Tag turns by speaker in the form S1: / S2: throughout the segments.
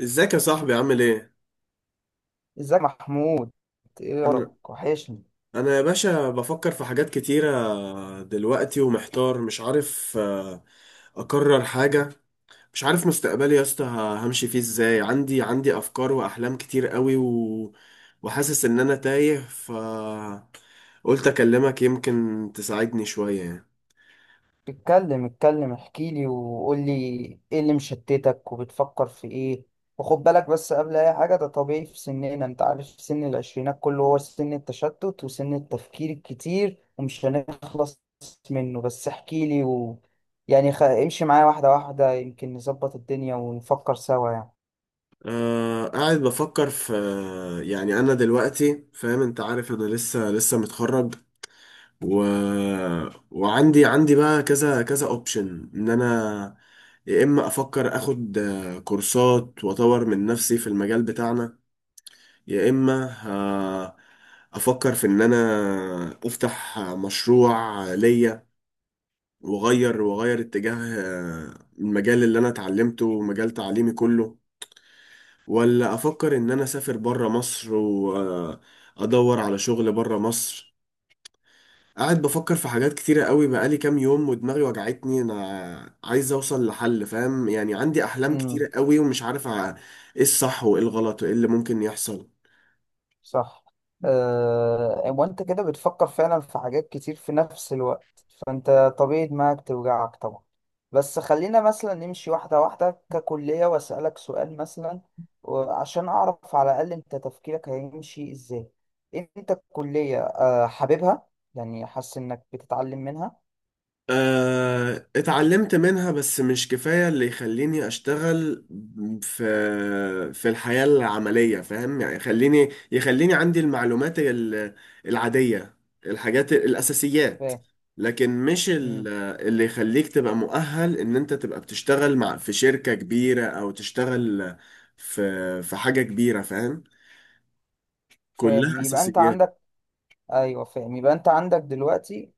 S1: ازيك يا صاحبي، عامل ايه؟
S2: ازيك يا محمود؟ ايه
S1: انا
S2: اخبارك؟ وحشني.
S1: انا يا باشا بفكر في حاجات كتيرة دلوقتي، ومحتار مش عارف اقرر حاجة. مش عارف مستقبلي يا اسطى همشي فيه ازاي. عندي افكار واحلام كتير قوي، وحاسس ان انا تايه قلت اكلمك يمكن تساعدني شوية يعني.
S2: اتكلم اتكلم، احكي لي وقول لي ايه اللي مشتتك وبتفكر في ايه. وخد بالك بس، قبل اي حاجه ده طبيعي في سننا، انت عارف، سن العشرينات كله هو سن التشتت وسن التفكير الكتير ومش هنخلص منه. بس احكي لي و... يعني امشي معايا واحده واحده، يمكن نظبط الدنيا ونفكر سوا.
S1: أه، قاعد بفكر في. يعني انا دلوقتي فاهم، انت عارف انا لسه متخرج، و... وعندي عندي بقى كذا كذا اوبشن ان انا، يا اما افكر اخد كورسات واطور من نفسي في المجال بتاعنا، يا اما افكر في ان انا افتح مشروع ليا، واغير اتجاه المجال اللي انا اتعلمته ومجال تعليمي كله، ولا افكر ان انا اسافر بره مصر وادور على شغل بره مصر. قاعد بفكر في حاجات كتيرة قوي بقالي كام يوم، ودماغي وجعتني. انا عايز اوصل لحل، فاهم يعني؟ عندي احلام
S2: يعني
S1: كتيرة قوي ومش عارف ايه الصح وايه الغلط وايه اللي ممكن يحصل.
S2: صح؟ أه، وانت كده بتفكر فعلا في حاجات كتير في نفس الوقت، فانت طبيعي دماغك توجعك طبعا. بس خلينا مثلا نمشي واحدة واحدة ككلية، واسألك سؤال مثلا عشان اعرف على الاقل انت تفكيرك هيمشي ازاي. انت الكلية حاببها؟ يعني حاسس انك بتتعلم منها؟
S1: اتعلمت منها بس مش كفاية اللي يخليني اشتغل في في الحياة العملية، فاهم يعني؟ يخليني عندي المعلومات العادية، الحاجات الأساسيات.
S2: فاهم.
S1: لكن مش
S2: مم.
S1: اللي يخليك تبقى مؤهل ان انت تبقى بتشتغل مع في شركة كبيرة، او تشتغل في حاجة كبيرة، فاهم؟
S2: فاهم.
S1: كلها
S2: يبقى انت
S1: أساسيات.
S2: عندك... ايوه، فاهم. يبقى انت عندك دلوقتي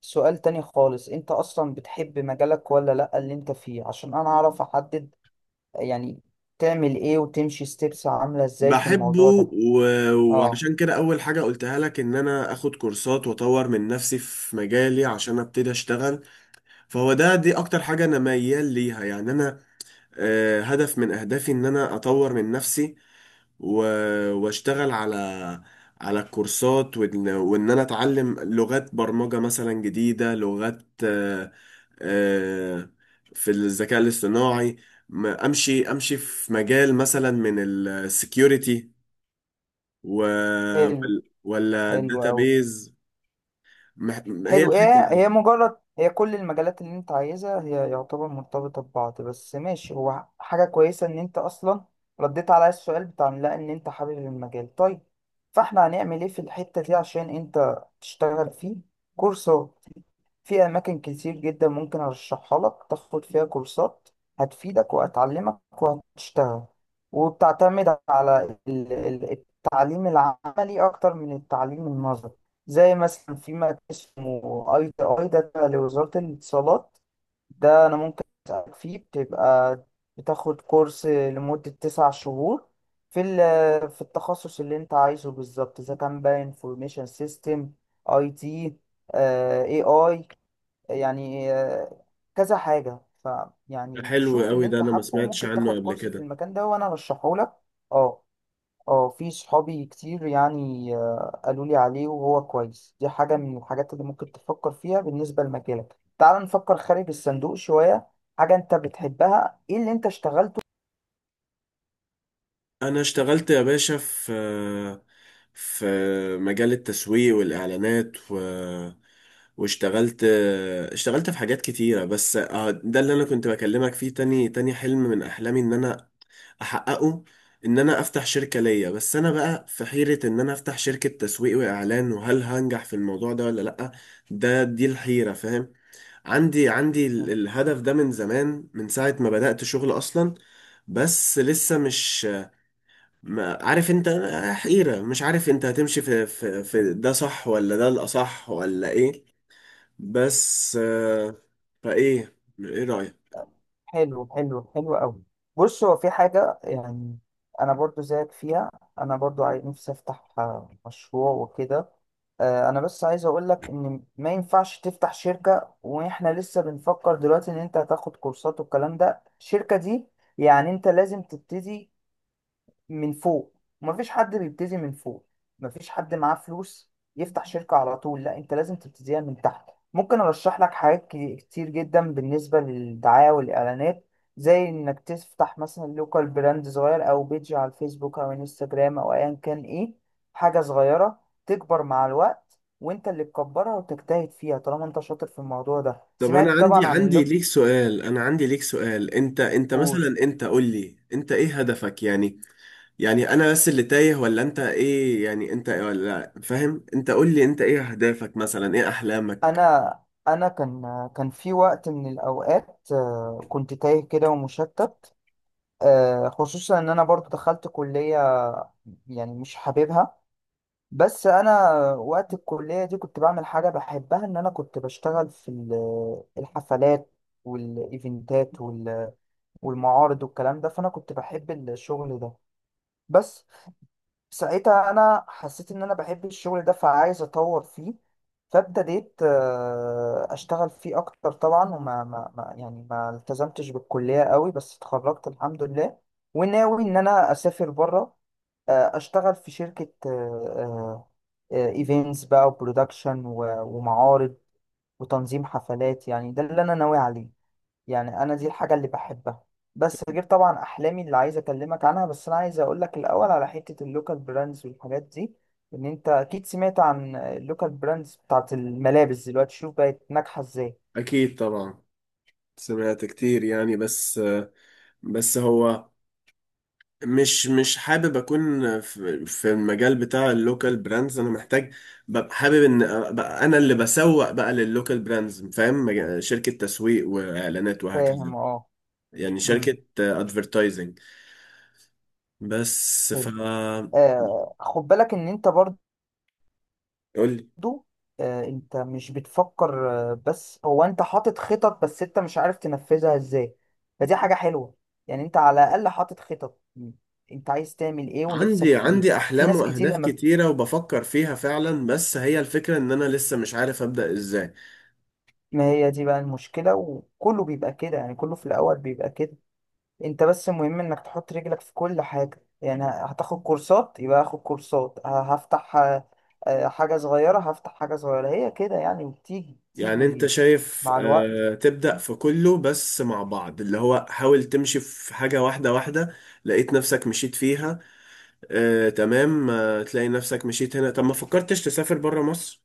S2: سؤال تاني خالص، انت اصلا بتحب مجالك ولا لا اللي انت فيه؟ عشان انا اعرف احدد يعني تعمل ايه وتمشي ستيبس عاملة ازاي في
S1: بحبه،
S2: الموضوع ده. اه.
S1: وعشان كده اول حاجة قلتها لك ان انا اخد كورسات واطور من نفسي في مجالي عشان ابتدي اشتغل. فهو دي اكتر حاجة انا ميال ليها. يعني انا هدف من اهدافي ان انا اطور من نفسي، واشتغل على الكورسات، وإن انا اتعلم لغات برمجة مثلا جديدة، لغات آه، في الذكاء الاصطناعي. امشي في مجال مثلا من السكيورتي، و...
S2: حلو.
S1: ولا
S2: حلو اوي.
S1: الداتابيز. مح... هي
S2: حلو.
S1: الحتة
S2: ايه
S1: دي.
S2: هي، مجرد هي كل المجالات اللي انت عايزها هي يعتبر مرتبطة ببعض بس ماشي، هو حاجة كويسة ان انت اصلا رديت على السؤال بتاع لا، ان انت حابب المجال. طيب، فاحنا هنعمل ايه في الحتة دي عشان انت تشتغل فيه؟ كورسات في أماكن كتير جدا ممكن أرشحها لك، تاخد فيها كورسات هتفيدك وهتعلمك وهتشتغل، وبتعتمد على التعليم العملي أكتر من التعليم النظري. زي مثلا في مكان اسمه ITI، ده تبع لوزارة الاتصالات، ده أنا ممكن أسألك فيه، بتبقى بتاخد كورس لمدة 9 شهور في في التخصص اللي أنت عايزه بالظبط، إذا كان بقى انفورميشن سيستم، IT، اي اي، يعني كذا حاجة. ف
S1: ده
S2: يعني
S1: حلو
S2: شوف اللي
S1: قوي، ده
S2: انت
S1: انا ما
S2: حابه،
S1: سمعتش
S2: وممكن
S1: عنه
S2: تاخد
S1: قبل
S2: كورس في
S1: كده.
S2: المكان ده وانا رشحه لك. اه. اه، في صحابي كتير يعني قالوا لي عليه وهو كويس. دي حاجة من الحاجات اللي ممكن تفكر فيها بالنسبة لمجالك. تعال نفكر خارج الصندوق شوية، حاجة انت بتحبها. ايه اللي انت اشتغلته؟
S1: انا اشتغلت يا باشا في مجال التسويق والاعلانات، واشتغلت اشتغلت في حاجات كتيرة. بس اه، ده اللي انا كنت بكلمك فيه، تاني حلم من احلامي ان انا احققه، ان انا افتح شركة ليا. بس انا بقى في حيرة ان انا افتح شركة تسويق واعلان، وهل هنجح في الموضوع ده ولا لأ. دي الحيرة، فاهم؟ عندي الهدف ده من زمان، من ساعة ما بدأت شغل أصلا، بس لسه مش، ما عارف انت، حيرة. مش عارف انت هتمشي في ده صح، ولا ده الأصح، ولا ايه. بس فايه، ايه رأيك؟
S2: حلو. حلو. حلو قوي. بص، هو في حاجة يعني أنا برضو زيك فيها، أنا برضو عايز نفسي أفتح مشروع وكده. أنا بس عايز أقولك إن ما ينفعش تفتح شركة وإحنا لسه بنفكر دلوقتي إن أنت هتاخد كورسات والكلام ده. الشركة دي يعني أنت لازم تبتدي من فوق، ومفيش حد بيبتدي من فوق، مفيش حد معاه فلوس يفتح شركة على طول. لا، انت لازم تبتديها من تحت. ممكن ارشح لك حاجات كتير جدا بالنسبة للدعاية والاعلانات، زي انك تفتح مثلا لوكال براند صغير او بيج على الفيسبوك او انستجرام او ايا كان، ايه، حاجة صغيرة تكبر مع الوقت وانت اللي تكبرها وتجتهد فيها طالما انت شاطر في الموضوع ده.
S1: طب انا
S2: سمعت
S1: عندي
S2: طبعا عن
S1: عندي ليك سؤال، انا عندي ليك سؤال، انت
S2: اللوك...
S1: مثلا، انت قول لي، انت ايه هدفك يعني؟ يعني انا بس اللي تايه، ولا انت ايه؟ يعني انت، ولا فاهم؟ انت قول لي، انت ايه اهدافك مثلا، ايه احلامك؟
S2: انا انا كان في وقت من الاوقات كنت تايه كده ومشتت، خصوصا ان انا برضو دخلت كلية يعني مش حاببها. بس انا وقت الكلية دي كنت بعمل حاجة بحبها، ان انا كنت بشتغل في الحفلات والايفنتات والمعارض والكلام ده، فانا كنت بحب الشغل ده. بس ساعتها انا حسيت ان انا بحب الشغل ده، فعايز اطور فيه، فابتديت اشتغل فيه اكتر طبعا، وما ما ما يعني ما التزمتش بالكلية قوي، بس اتخرجت الحمد لله. وناوي ان انا اسافر بره، اشتغل في شركة ايفنتس بقى وبرودكشن ومعارض وتنظيم حفلات، يعني ده اللي انا ناوي عليه. يعني انا دي الحاجه اللي بحبها، بس غير طبعا احلامي اللي عايز اكلمك عنها. بس انا عايز اقول لك الاول على حته اللوكال براندز والحاجات دي، ان انت اكيد سمعت عن اللوكال براندز بتاعت الملابس دلوقتي، شوف بقت ناجحه ازاي.
S1: أكيد طبعا، سمعت كتير يعني. بس، بس هو، مش حابب أكون في المجال بتاع اللوكال براندز. أنا محتاج، ببقى حابب إن أبقى أنا اللي بسوق بقى لللوكال براندز، فاهم؟ شركة تسويق وإعلانات، وهكذا.
S2: فاهم. اه.
S1: يعني
S2: امم
S1: شركة أدفرتايزنج. بس ف،
S2: حلو. خد بالك ان انت برضو،
S1: قول لي.
S2: انت مش بتفكر، بس هو انت حاطط خطط بس انت مش عارف تنفذها ازاي، فدي حاجه حلوه، يعني انت على الاقل حاطط خطط، انت عايز تعمل ايه ونفسك
S1: عندي
S2: في ايه.
S1: عندي
S2: في
S1: أحلام
S2: ناس كتير
S1: وأهداف كتيرة، وبفكر فيها فعلا. بس هي الفكرة، إن أنا لسه مش عارف أبدأ إزاي.
S2: ما هي دي بقى المشكلة، وكله بيبقى كده، يعني كله في الأول بيبقى كده. أنت بس المهم إنك تحط رجلك في كل حاجة، يعني هتاخد كورسات يبقى هاخد كورسات، هفتح حاجة صغيرة، هفتح حاجة صغيرة، هي كده يعني، وبتيجي
S1: يعني انت
S2: بتيجي
S1: شايف
S2: مع الوقت.
S1: تبدأ في كله بس مع بعض، اللي هو حاول تمشي في حاجة واحدة واحدة، لقيت نفسك مشيت فيها؟ تمام. تلاقي نفسك مشيت هنا. طب ما فكرتش تسافر برا مصر؟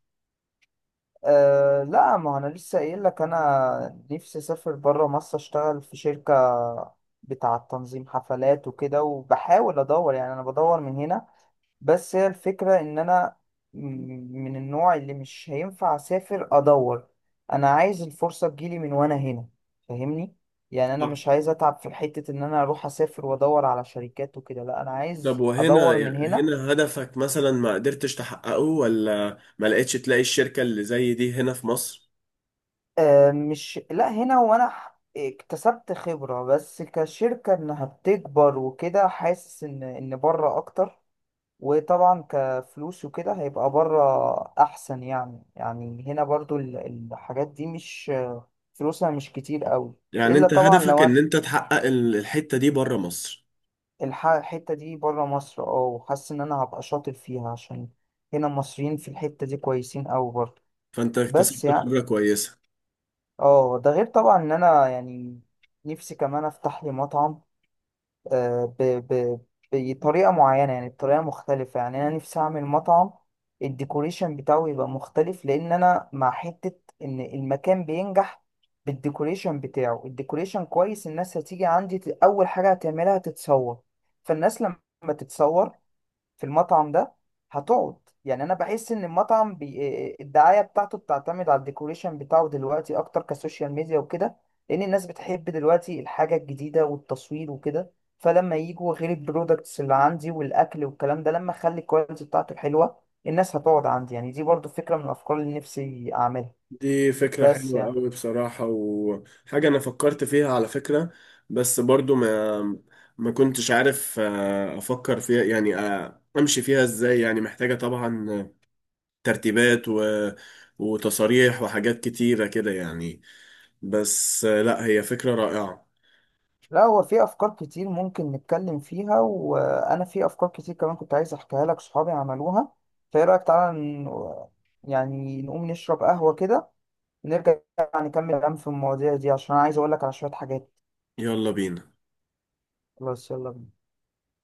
S2: أه لا، ما أنا لسه قايل لك أنا نفسي أسافر برا مصر، أشتغل في شركة بتاعة تنظيم حفلات وكده، وبحاول أدور، يعني أنا بدور من هنا. بس هي الفكرة إن أنا م- من النوع اللي مش هينفع أسافر أدور، أنا عايز الفرصة تجيلي من وأنا هنا، فاهمني؟ يعني أنا
S1: بالظبط.
S2: مش عايز أتعب في حتة إن أنا أروح أسافر وأدور على شركات وكده. لأ، أنا
S1: طب
S2: عايز
S1: وهنا،
S2: أدور من هنا.
S1: هنا هدفك مثلا ما قدرتش تحققه، ولا ما لقيتش تلاقي الشركة اللي زي دي هنا في مصر؟
S2: آه مش، لأ هنا وأنا اكتسبت خبرة، بس كشركة إنها بتكبر وكده حاسس إن بره أكتر، وطبعا كفلوس وكده هيبقى بره احسن. يعني هنا برضو الحاجات دي مش، فلوسها مش كتير قوي.
S1: يعني
S2: الا
S1: انت
S2: طبعا
S1: هدفك
S2: لو أنا
S1: ان انت تحقق الحتة دي برا مصر.
S2: الحتة دي بره مصر، اه، وحاسس ان انا هبقى شاطر فيها، عشان هنا المصريين في الحتة دي كويسين قوي برضو.
S1: فانت
S2: بس
S1: اكتسبت
S2: يعني
S1: خبرة كويسة.
S2: اه، ده غير طبعا ان انا يعني نفسي كمان افتح لي مطعم، آه، ب... ب... بطريقة معينة، يعني بطريقة مختلفة، يعني أنا نفسي أعمل مطعم، الديكوريشن بتاعه يبقى مختلف، لأن أنا مع حتة إن المكان بينجح بالديكوريشن بتاعه. الديكوريشن كويس، الناس هتيجي عندي، أول حاجة هتعملها تتصور. فالناس لما تتصور في المطعم ده هتقعد، يعني انا بحس ان المطعم الدعايه بتاعته بتعتمد على الديكوريشن بتاعه دلوقتي اكتر، كسوشيال ميديا وكده، لان الناس بتحب دلوقتي الحاجه الجديده والتصوير وكده. فلما يجوا، غير البرودكتس اللي عندي والاكل والكلام ده، لما اخلي الكواليتي بتاعته حلوه، الناس هتقعد عندي. يعني دي برضو فكره من الافكار اللي نفسي اعملها.
S1: دي فكرة
S2: بس
S1: حلوة
S2: يعني،
S1: قوي بصراحة، وحاجة أنا فكرت فيها على فكرة. بس برضو ما كنتش عارف أفكر فيها يعني، أمشي فيها إزاي. يعني محتاجة طبعا ترتيبات، وتصاريح وحاجات كتيرة كده يعني. بس لا، هي فكرة رائعة.
S2: لا هو في افكار كتير ممكن نتكلم فيها، وانا في افكار كتير كمان كنت عايز احكيها لك صحابي عملوها. فايه رايك، تعالى يعني نقوم نشرب قهوة كده، ونرجع نكمل كلام في المواضيع دي، عشان انا عايز اقول لك على شوية حاجات.
S1: يلا بينا.
S2: خلاص، يلا بينا.